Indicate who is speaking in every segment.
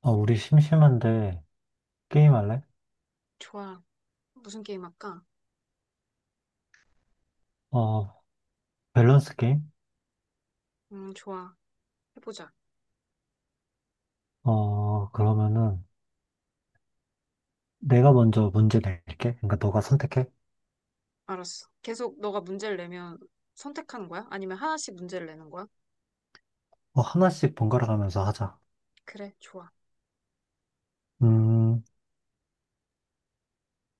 Speaker 1: 우리 심심한데 게임 할래?
Speaker 2: 좋아. 무슨 게임 할까?
Speaker 1: 어, 밸런스 게임?
Speaker 2: 좋아. 해보자.
Speaker 1: 그러면은 내가 먼저 문제 낼게. 그러니까 너가 선택해.
Speaker 2: 알았어. 계속 너가 문제를 내면 선택하는 거야? 아니면 하나씩 문제를 내는 거야?
Speaker 1: 하나씩 번갈아 가면서 하자.
Speaker 2: 그래, 좋아.
Speaker 1: 음,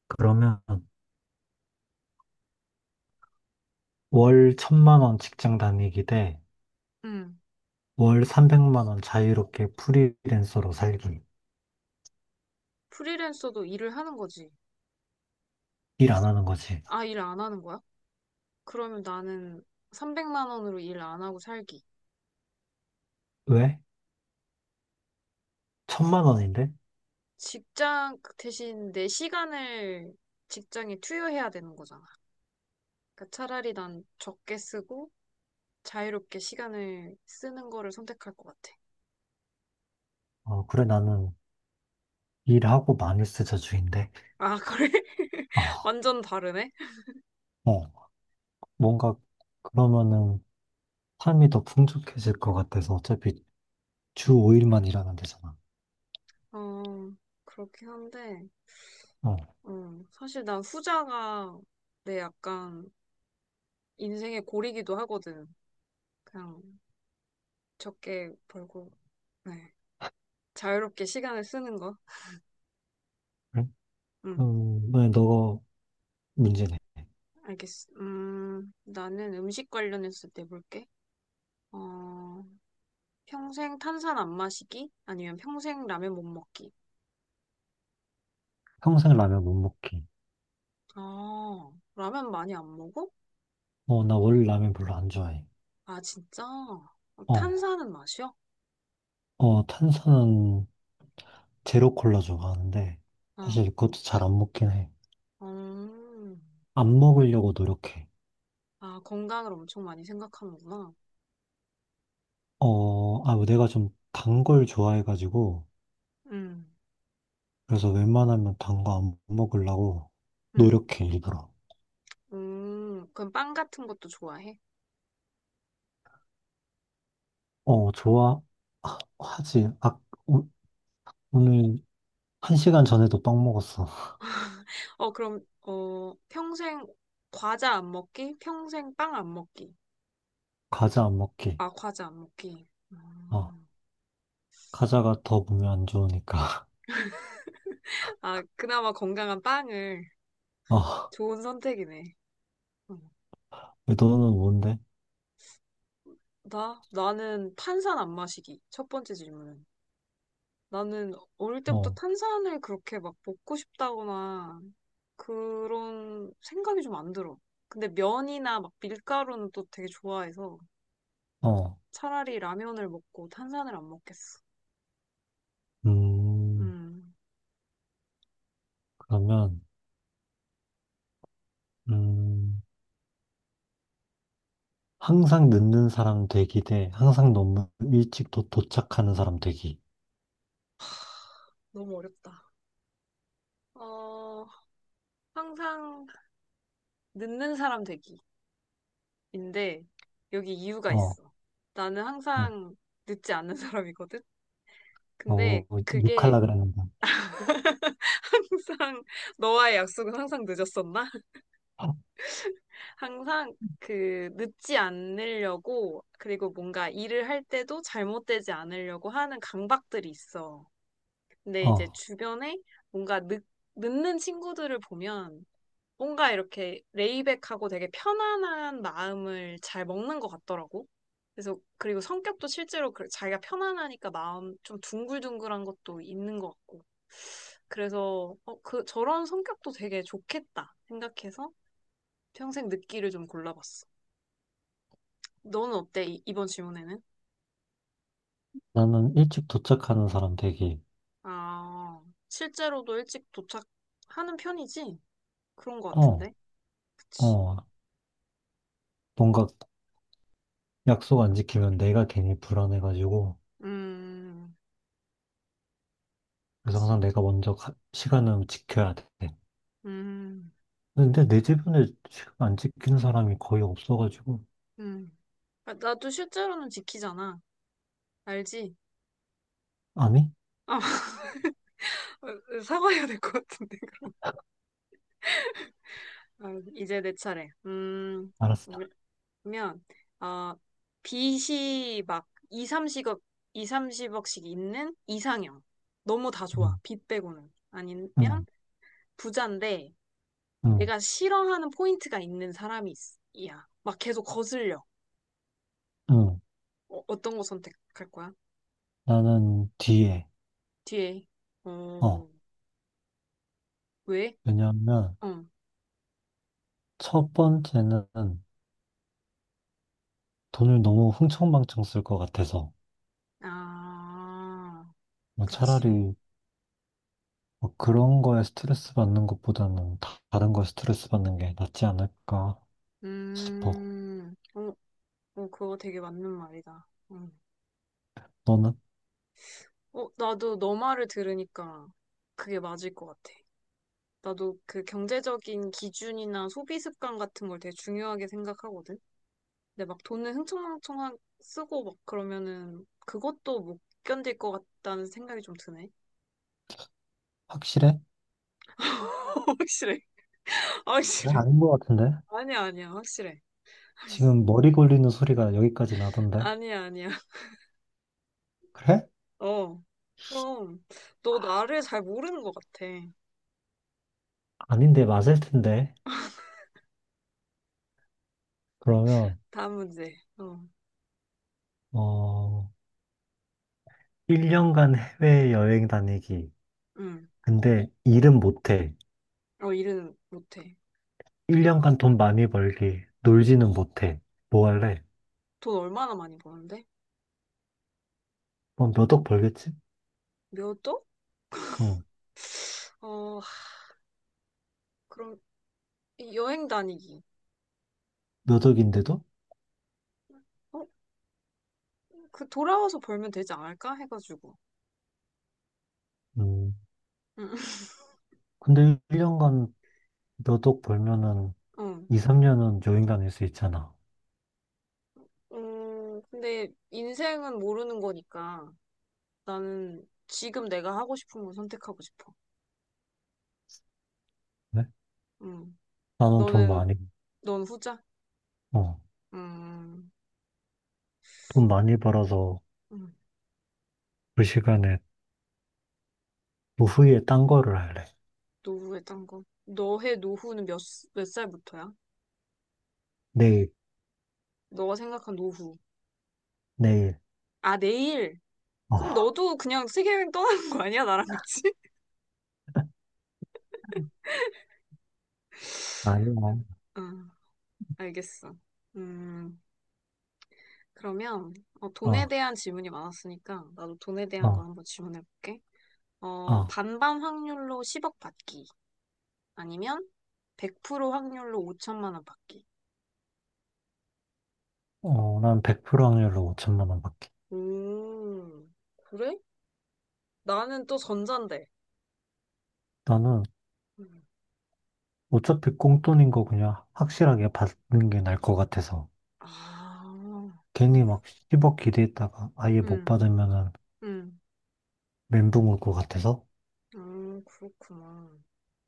Speaker 1: 그러면 월 1,000만 원 직장 다니기 대 월
Speaker 2: 음,
Speaker 1: 300만원 자유롭게 프리랜서로 살기.
Speaker 2: 프리랜서도 일을 하는 거지.
Speaker 1: 일 안 하는 거지.
Speaker 2: 아, 일 안 하는 거야? 그러면 나는 300만 원으로 일 안 하고 살기.
Speaker 1: 왜? 천만
Speaker 2: 그
Speaker 1: 원인데?
Speaker 2: 직장 그 대신 내 시간을 직장에 투여해야 되는 거잖아. 그러니까 차라리 난 적게 쓰고 자유롭게 시간을 쓰는 거를 선택할 것 같아.
Speaker 1: 그래 나는 일하고 많이 쓰자 주인데.
Speaker 2: 아, 그래?
Speaker 1: 아,
Speaker 2: 완전 다르네?
Speaker 1: 어, 뭔가 그러면은 삶이 더 풍족해질 것 같아서 어차피 주 5일만 일하면 되잖아.
Speaker 2: 어, 그렇긴 한데.
Speaker 1: 어.
Speaker 2: 어, 사실 난 후자가 내 약간 인생의 고리기도 하거든. 그냥 적게 벌고, 네. 자유롭게 시간을 쓰는 거.
Speaker 1: 그래?
Speaker 2: 응,
Speaker 1: 그럼 왜 너가 문제네.
Speaker 2: 알겠어. 나는 음식 관련해서 내볼게. 어, 평생 탄산 안 마시기? 아니면 평생 라면 못 먹기?
Speaker 1: 평생 라면 못 먹기.
Speaker 2: 아, 라면 많이 안 먹어?
Speaker 1: 나 원래 라면 별로 안 좋아해.
Speaker 2: 아, 진짜? 어,
Speaker 1: 어,
Speaker 2: 탄산은 마셔?
Speaker 1: 탄산은 제로 콜라 좋아하는데,
Speaker 2: 어,
Speaker 1: 사실 그것도 잘 안 먹긴 해.
Speaker 2: 음.
Speaker 1: 안 먹으려고 노력해.
Speaker 2: 아, 건강을 엄청 많이 생각하는구나.
Speaker 1: 아, 뭐 내가 좀 단 걸 좋아해가지고,
Speaker 2: 음,
Speaker 1: 그래서 웬만하면 단 거 안 먹으려고
Speaker 2: 음.
Speaker 1: 노력해, 일부러.
Speaker 2: 그럼 빵 같은 것도 좋아해?
Speaker 1: 어, 좋아하지. 아, 오- 오늘 1시간 전에도 빵 먹었어.
Speaker 2: 어, 그럼, 평생 과자 안 먹기? 평생 빵 안 먹기?
Speaker 1: 과자 안 먹기.
Speaker 2: 아, 과자 안 먹기.
Speaker 1: 어.
Speaker 2: 음.
Speaker 1: 카자가 더 몸에 안 좋으니까.
Speaker 2: 아, 그나마 건강한 빵을.
Speaker 1: 어,
Speaker 2: 좋은 선택이네. 음.
Speaker 1: 너는 뭔데?
Speaker 2: 나? 나는 탄산 안 마시기. 첫 번째 질문은. 나는 어릴 때부터
Speaker 1: 어,
Speaker 2: 탄산을 그렇게 막 먹고 싶다거나 그런 생각이 좀 안 들어. 근데 면이나 막 밀가루는 또 되게 좋아해서
Speaker 1: 어.
Speaker 2: 차라리 라면을 먹고 탄산을 안 먹겠어.
Speaker 1: 음,
Speaker 2: 음,
Speaker 1: 그러면, 음, 항상 늦는 사람 되기 대 항상 너무 일찍 도착하는 사람 되기.
Speaker 2: 너무 어렵다. 어, 항상 늦는 사람 되기인데 여기 이유가
Speaker 1: 어,
Speaker 2: 있어. 나는
Speaker 1: 네.
Speaker 2: 항상 늦지 않는 사람이거든? 근데
Speaker 1: 어, 욕할라
Speaker 2: 그게
Speaker 1: 그랬는데.
Speaker 2: 항상 너와의 약속은 항상 늦었었나? 항상 그 늦지 않으려고 그리고 뭔가 일을 할 때도 잘못되지 않으려고 하는 강박들이 있어. 근데 이제
Speaker 1: 어,
Speaker 2: 주변에 뭔가 늦는 친구들을 보면 뭔가 이렇게 레이백하고 되게 편안한 마음을 잘 먹는 것 같더라고. 그래서 그리고 성격도 실제로 자기가 편안하니까 마음 좀 둥글둥글한 것도 있는 것 같고. 그래서 그 저런 성격도 되게 좋겠다 생각해서 평생 늦기를 좀 골라봤어. 너는 어때? 이번 질문에는?
Speaker 1: 나는 일찍 도착하는 사람 되기.
Speaker 2: 아, 실제로도 일찍 도착하는 편이지? 그런 것
Speaker 1: 어,
Speaker 2: 같은데? 그치.
Speaker 1: 어, 뭔가 약속 안 지키면 내가 괜히 불안해가지고.
Speaker 2: 음,
Speaker 1: 그래서 항상
Speaker 2: 그치.
Speaker 1: 내가 먼저 시간은 지켜야 돼.
Speaker 2: 음,
Speaker 1: 근데 내 주변에 지금 안 지키는 사람이 거의 없어가지고.
Speaker 2: 음. 아, 나도 실제로는 지키잖아. 알지?
Speaker 1: 아니?
Speaker 2: 아, 사과해야 될 것 같은데. 아, 이제 내 차례.
Speaker 1: 알았어.
Speaker 2: 그러면, 아, 빚이 막 2, 30억, 2, 30억씩 있는 이상형. 너무 다 좋아.
Speaker 1: 응,
Speaker 2: 빚 빼고는. 아니면
Speaker 1: 응,
Speaker 2: 부자인데,
Speaker 1: 응,
Speaker 2: 내가 싫어하는 포인트가 있는 사람이 이야. 막 계속 거슬려.
Speaker 1: 응.
Speaker 2: 어, 떤거 선택할 거야?
Speaker 1: 나는 뒤에.
Speaker 2: 뒤에.
Speaker 1: 어.
Speaker 2: 어, 왜?
Speaker 1: 왜냐하면
Speaker 2: 어.
Speaker 1: 첫 번째는 돈을 너무 흥청망청 쓸 것 같아서.
Speaker 2: 아,
Speaker 1: 뭐
Speaker 2: 그치.
Speaker 1: 차라리 뭐 그런 거에 스트레스 받는 것보다는 다른 거에 스트레스 받는 게 낫지 않을까 싶어.
Speaker 2: 어, 어, 그거 되게 맞는 말이다. 음.
Speaker 1: 너는?
Speaker 2: 어, 나도 너 말을 들으니까 그게 맞을 것 같아. 나도 그 경제적인 기준이나 소비 습관 같은 걸 되게 중요하게 생각하거든. 근데 막 돈을 흥청망청 쓰고 막 그러면은 그것도 못 견딜 것 같다는 생각이 좀 드네.
Speaker 1: 확실해?
Speaker 2: 확실해.
Speaker 1: 네,
Speaker 2: 확실해.
Speaker 1: 아닌 것 같은데?
Speaker 2: 아니야, 아니야. 확실해.
Speaker 1: 지금 머리 걸리는 소리가 여기까지 나던데?
Speaker 2: 아니야, 아니야.
Speaker 1: 그래?
Speaker 2: 어. 그럼 너 나를 잘 모르는 것 같아.
Speaker 1: 아닌데 맞을 텐데. 그러면
Speaker 2: 다음 문제. 어.
Speaker 1: 어, 1년간 해외여행 다니기.
Speaker 2: 응.
Speaker 1: 근데 일은 못해.
Speaker 2: 어, 일은 못해.
Speaker 1: 1년간 돈 많이 벌기. 놀지는 못해. 뭐 할래?
Speaker 2: 돈 얼마나 많이 버는데?
Speaker 1: 뭐 몇 억 벌겠지?
Speaker 2: 몇 억?
Speaker 1: 응.
Speaker 2: 어, 그럼 이 여행 다니기.
Speaker 1: 몇 억인데도?
Speaker 2: 어? 그 돌아와서 벌면 되지 않을까? 해가지고.
Speaker 1: 음.
Speaker 2: 응.
Speaker 1: 근데 1년간 몇억 벌면은
Speaker 2: 어.
Speaker 1: 2, 3년은 여행 다닐 수 있잖아.
Speaker 2: 근데 인생은 모르는 거니까 나는 지금 내가 하고 싶은 걸 선택하고 싶어.
Speaker 1: 네?
Speaker 2: 음,
Speaker 1: 나는
Speaker 2: 너는, 넌 후자?
Speaker 1: 어,
Speaker 2: 음,
Speaker 1: 돈 많이 벌어서
Speaker 2: 음,
Speaker 1: 그 시간에 노후에 딴 거를 할래.
Speaker 2: 노후에 딴 거. 너의 노후는 몇 살부터야?
Speaker 1: 내일,
Speaker 2: 너가 생각한 노후.
Speaker 1: 내일.
Speaker 2: 아, 내일?
Speaker 1: 어,
Speaker 2: 그럼 너도 그냥 세계여행 떠나는 거 아니야? 나랑 같이?
Speaker 1: 아니야.
Speaker 2: 응, 알겠어. 음, 그러면 돈에
Speaker 1: 어,
Speaker 2: 대한 질문이 많았으니까 나도 돈에 대한 거
Speaker 1: 어,
Speaker 2: 한번 질문해볼게. 어,
Speaker 1: 어.
Speaker 2: 반반 확률로 10억 받기. 아니면 100% 확률로 5천만 원 받기.
Speaker 1: 난 100% 확률로 5,000만 원 받기.
Speaker 2: 음, 그래? 나는 또 전자인데.
Speaker 1: 나는
Speaker 2: 음.
Speaker 1: 어차피 꽁돈인 거 그냥 확실하게 받는 게 나을 것 같아서.
Speaker 2: 아, 음,
Speaker 1: 괜히 막 10억 기대했다가 아예 못
Speaker 2: 음,
Speaker 1: 받으면은
Speaker 2: 음.
Speaker 1: 멘붕 올 것 같아서.
Speaker 2: 그렇구나.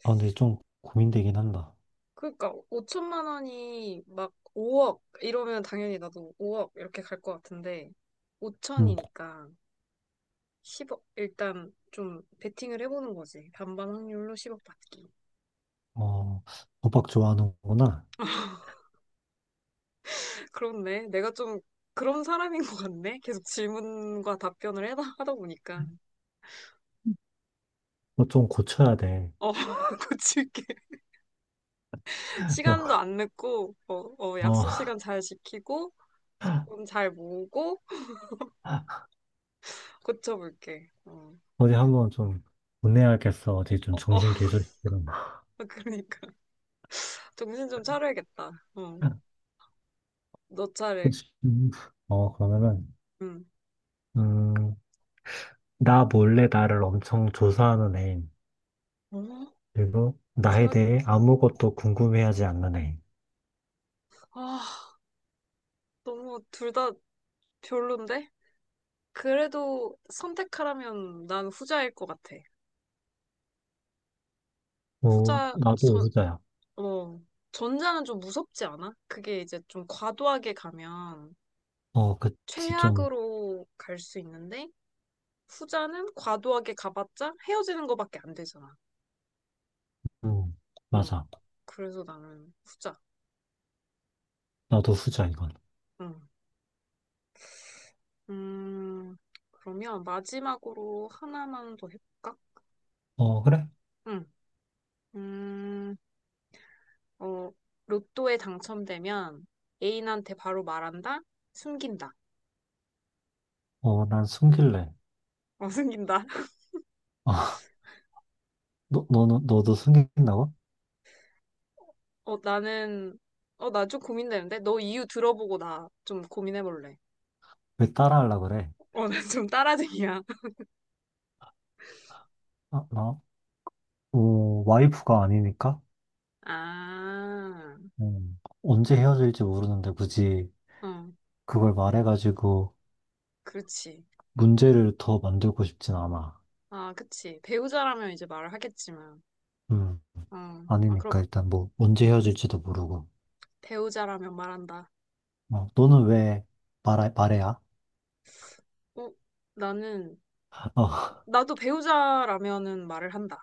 Speaker 1: 아, 근데 좀 고민되긴 한다.
Speaker 2: 그러니까 5천만 원이 막 5억 이러면 당연히 나도 5억 이렇게 갈 것 같은데
Speaker 1: 응,
Speaker 2: 5천이니까 10억 일단 좀 베팅을 해보는 거지. 반반 확률로 10억 받기.
Speaker 1: 어, 도박 좋아하는구나.
Speaker 2: 그렇네. 내가 좀 그런 사람인 것 같네. 계속 질문과 답변을 하다 보니까.
Speaker 1: 너 좀 고쳐야 돼.
Speaker 2: 어, 고칠게. 시간도 안 늦고,
Speaker 1: 어,
Speaker 2: 약속 시간 잘 지키고, 돈 잘 모으고, 고쳐볼게. 어,
Speaker 1: 어디 한번 좀 보내야겠어. 어디 좀
Speaker 2: 어, 어,
Speaker 1: 정신 개조시키는.
Speaker 2: 그러니까. 정신 좀 차려야겠다. 어, 너 차례.
Speaker 1: 그러면은,
Speaker 2: 응.
Speaker 1: 음, 나 몰래 나를 엄청 조사하는 애.
Speaker 2: 어?
Speaker 1: 그리고 나에
Speaker 2: 최악이다.
Speaker 1: 대해 아무것도 궁금해하지 않는 애.
Speaker 2: 아, 너무 둘 다 별론데? 그래도 선택하라면 난 후자일 것 같아. 후자,
Speaker 1: 나도 후자야.
Speaker 2: 어, 전자는 좀 무섭지 않아? 그게 이제 좀 과도하게 가면
Speaker 1: 그치, 좀,
Speaker 2: 최악으로 갈 수 있는데 후자는 과도하게 가봤자 헤어지는 거밖에 안 되잖아.
Speaker 1: 음,
Speaker 2: 응.
Speaker 1: 맞아.
Speaker 2: 그래서 나는 후자.
Speaker 1: 나도 후자, 이건.
Speaker 2: 응. 음, 그러면 마지막으로 하나만 더 해볼까?
Speaker 1: 어, 그래?
Speaker 2: 응. 음, 어, 로또에 당첨되면 애인한테 바로 말한다? 숨긴다.
Speaker 1: 난 숨길래.
Speaker 2: 어, 숨긴다.
Speaker 1: 아, 너도 숨긴다고?
Speaker 2: 어, 나는, 어, 나 좀 고민되는데? 너 이유 들어보고 나 좀 고민해볼래.
Speaker 1: 왜 따라하려고 그래?
Speaker 2: 어, 나 좀 따라쟁이야.
Speaker 1: 아, 와이프가 아니니까?
Speaker 2: 아,
Speaker 1: 언제 헤어질지 모르는데 굳이
Speaker 2: 어,
Speaker 1: 그걸 말해가지고
Speaker 2: 그렇지.
Speaker 1: 문제를 더 만들고 싶진 않아.
Speaker 2: 아, 그치. 배우자라면 이제 말을 하겠지만.
Speaker 1: 음,
Speaker 2: 어, 아, 그럼
Speaker 1: 아니니까 일단 뭐, 언제 헤어질지도 모르고.
Speaker 2: 배우자라면 말한다.
Speaker 1: 너는 왜 말해야?
Speaker 2: 어, 나는,
Speaker 1: 어,
Speaker 2: 나도 배우자라면은 말을 한다.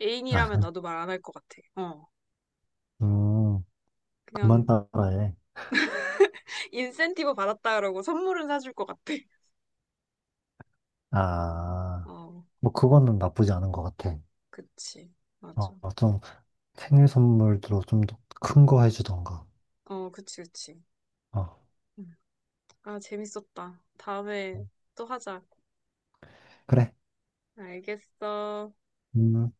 Speaker 2: 애인이라면
Speaker 1: 아,
Speaker 2: 나도 말 안 할 것 같아. 어,
Speaker 1: 음, 그만
Speaker 2: 그냥
Speaker 1: 따라해.
Speaker 2: 인센티브 받았다 그러고 선물은 사줄 것 같아.
Speaker 1: 아,
Speaker 2: 어,
Speaker 1: 뭐, 그거는 나쁘지 않은 것 같아.
Speaker 2: 그치. 맞아.
Speaker 1: 좀, 생일 선물로 좀 더 큰 거 해주던가.
Speaker 2: 어, 그치, 그치.
Speaker 1: 어,
Speaker 2: 아, 재밌었다. 다음에 또 하자.
Speaker 1: 그래.
Speaker 2: 알겠어.
Speaker 1: 음.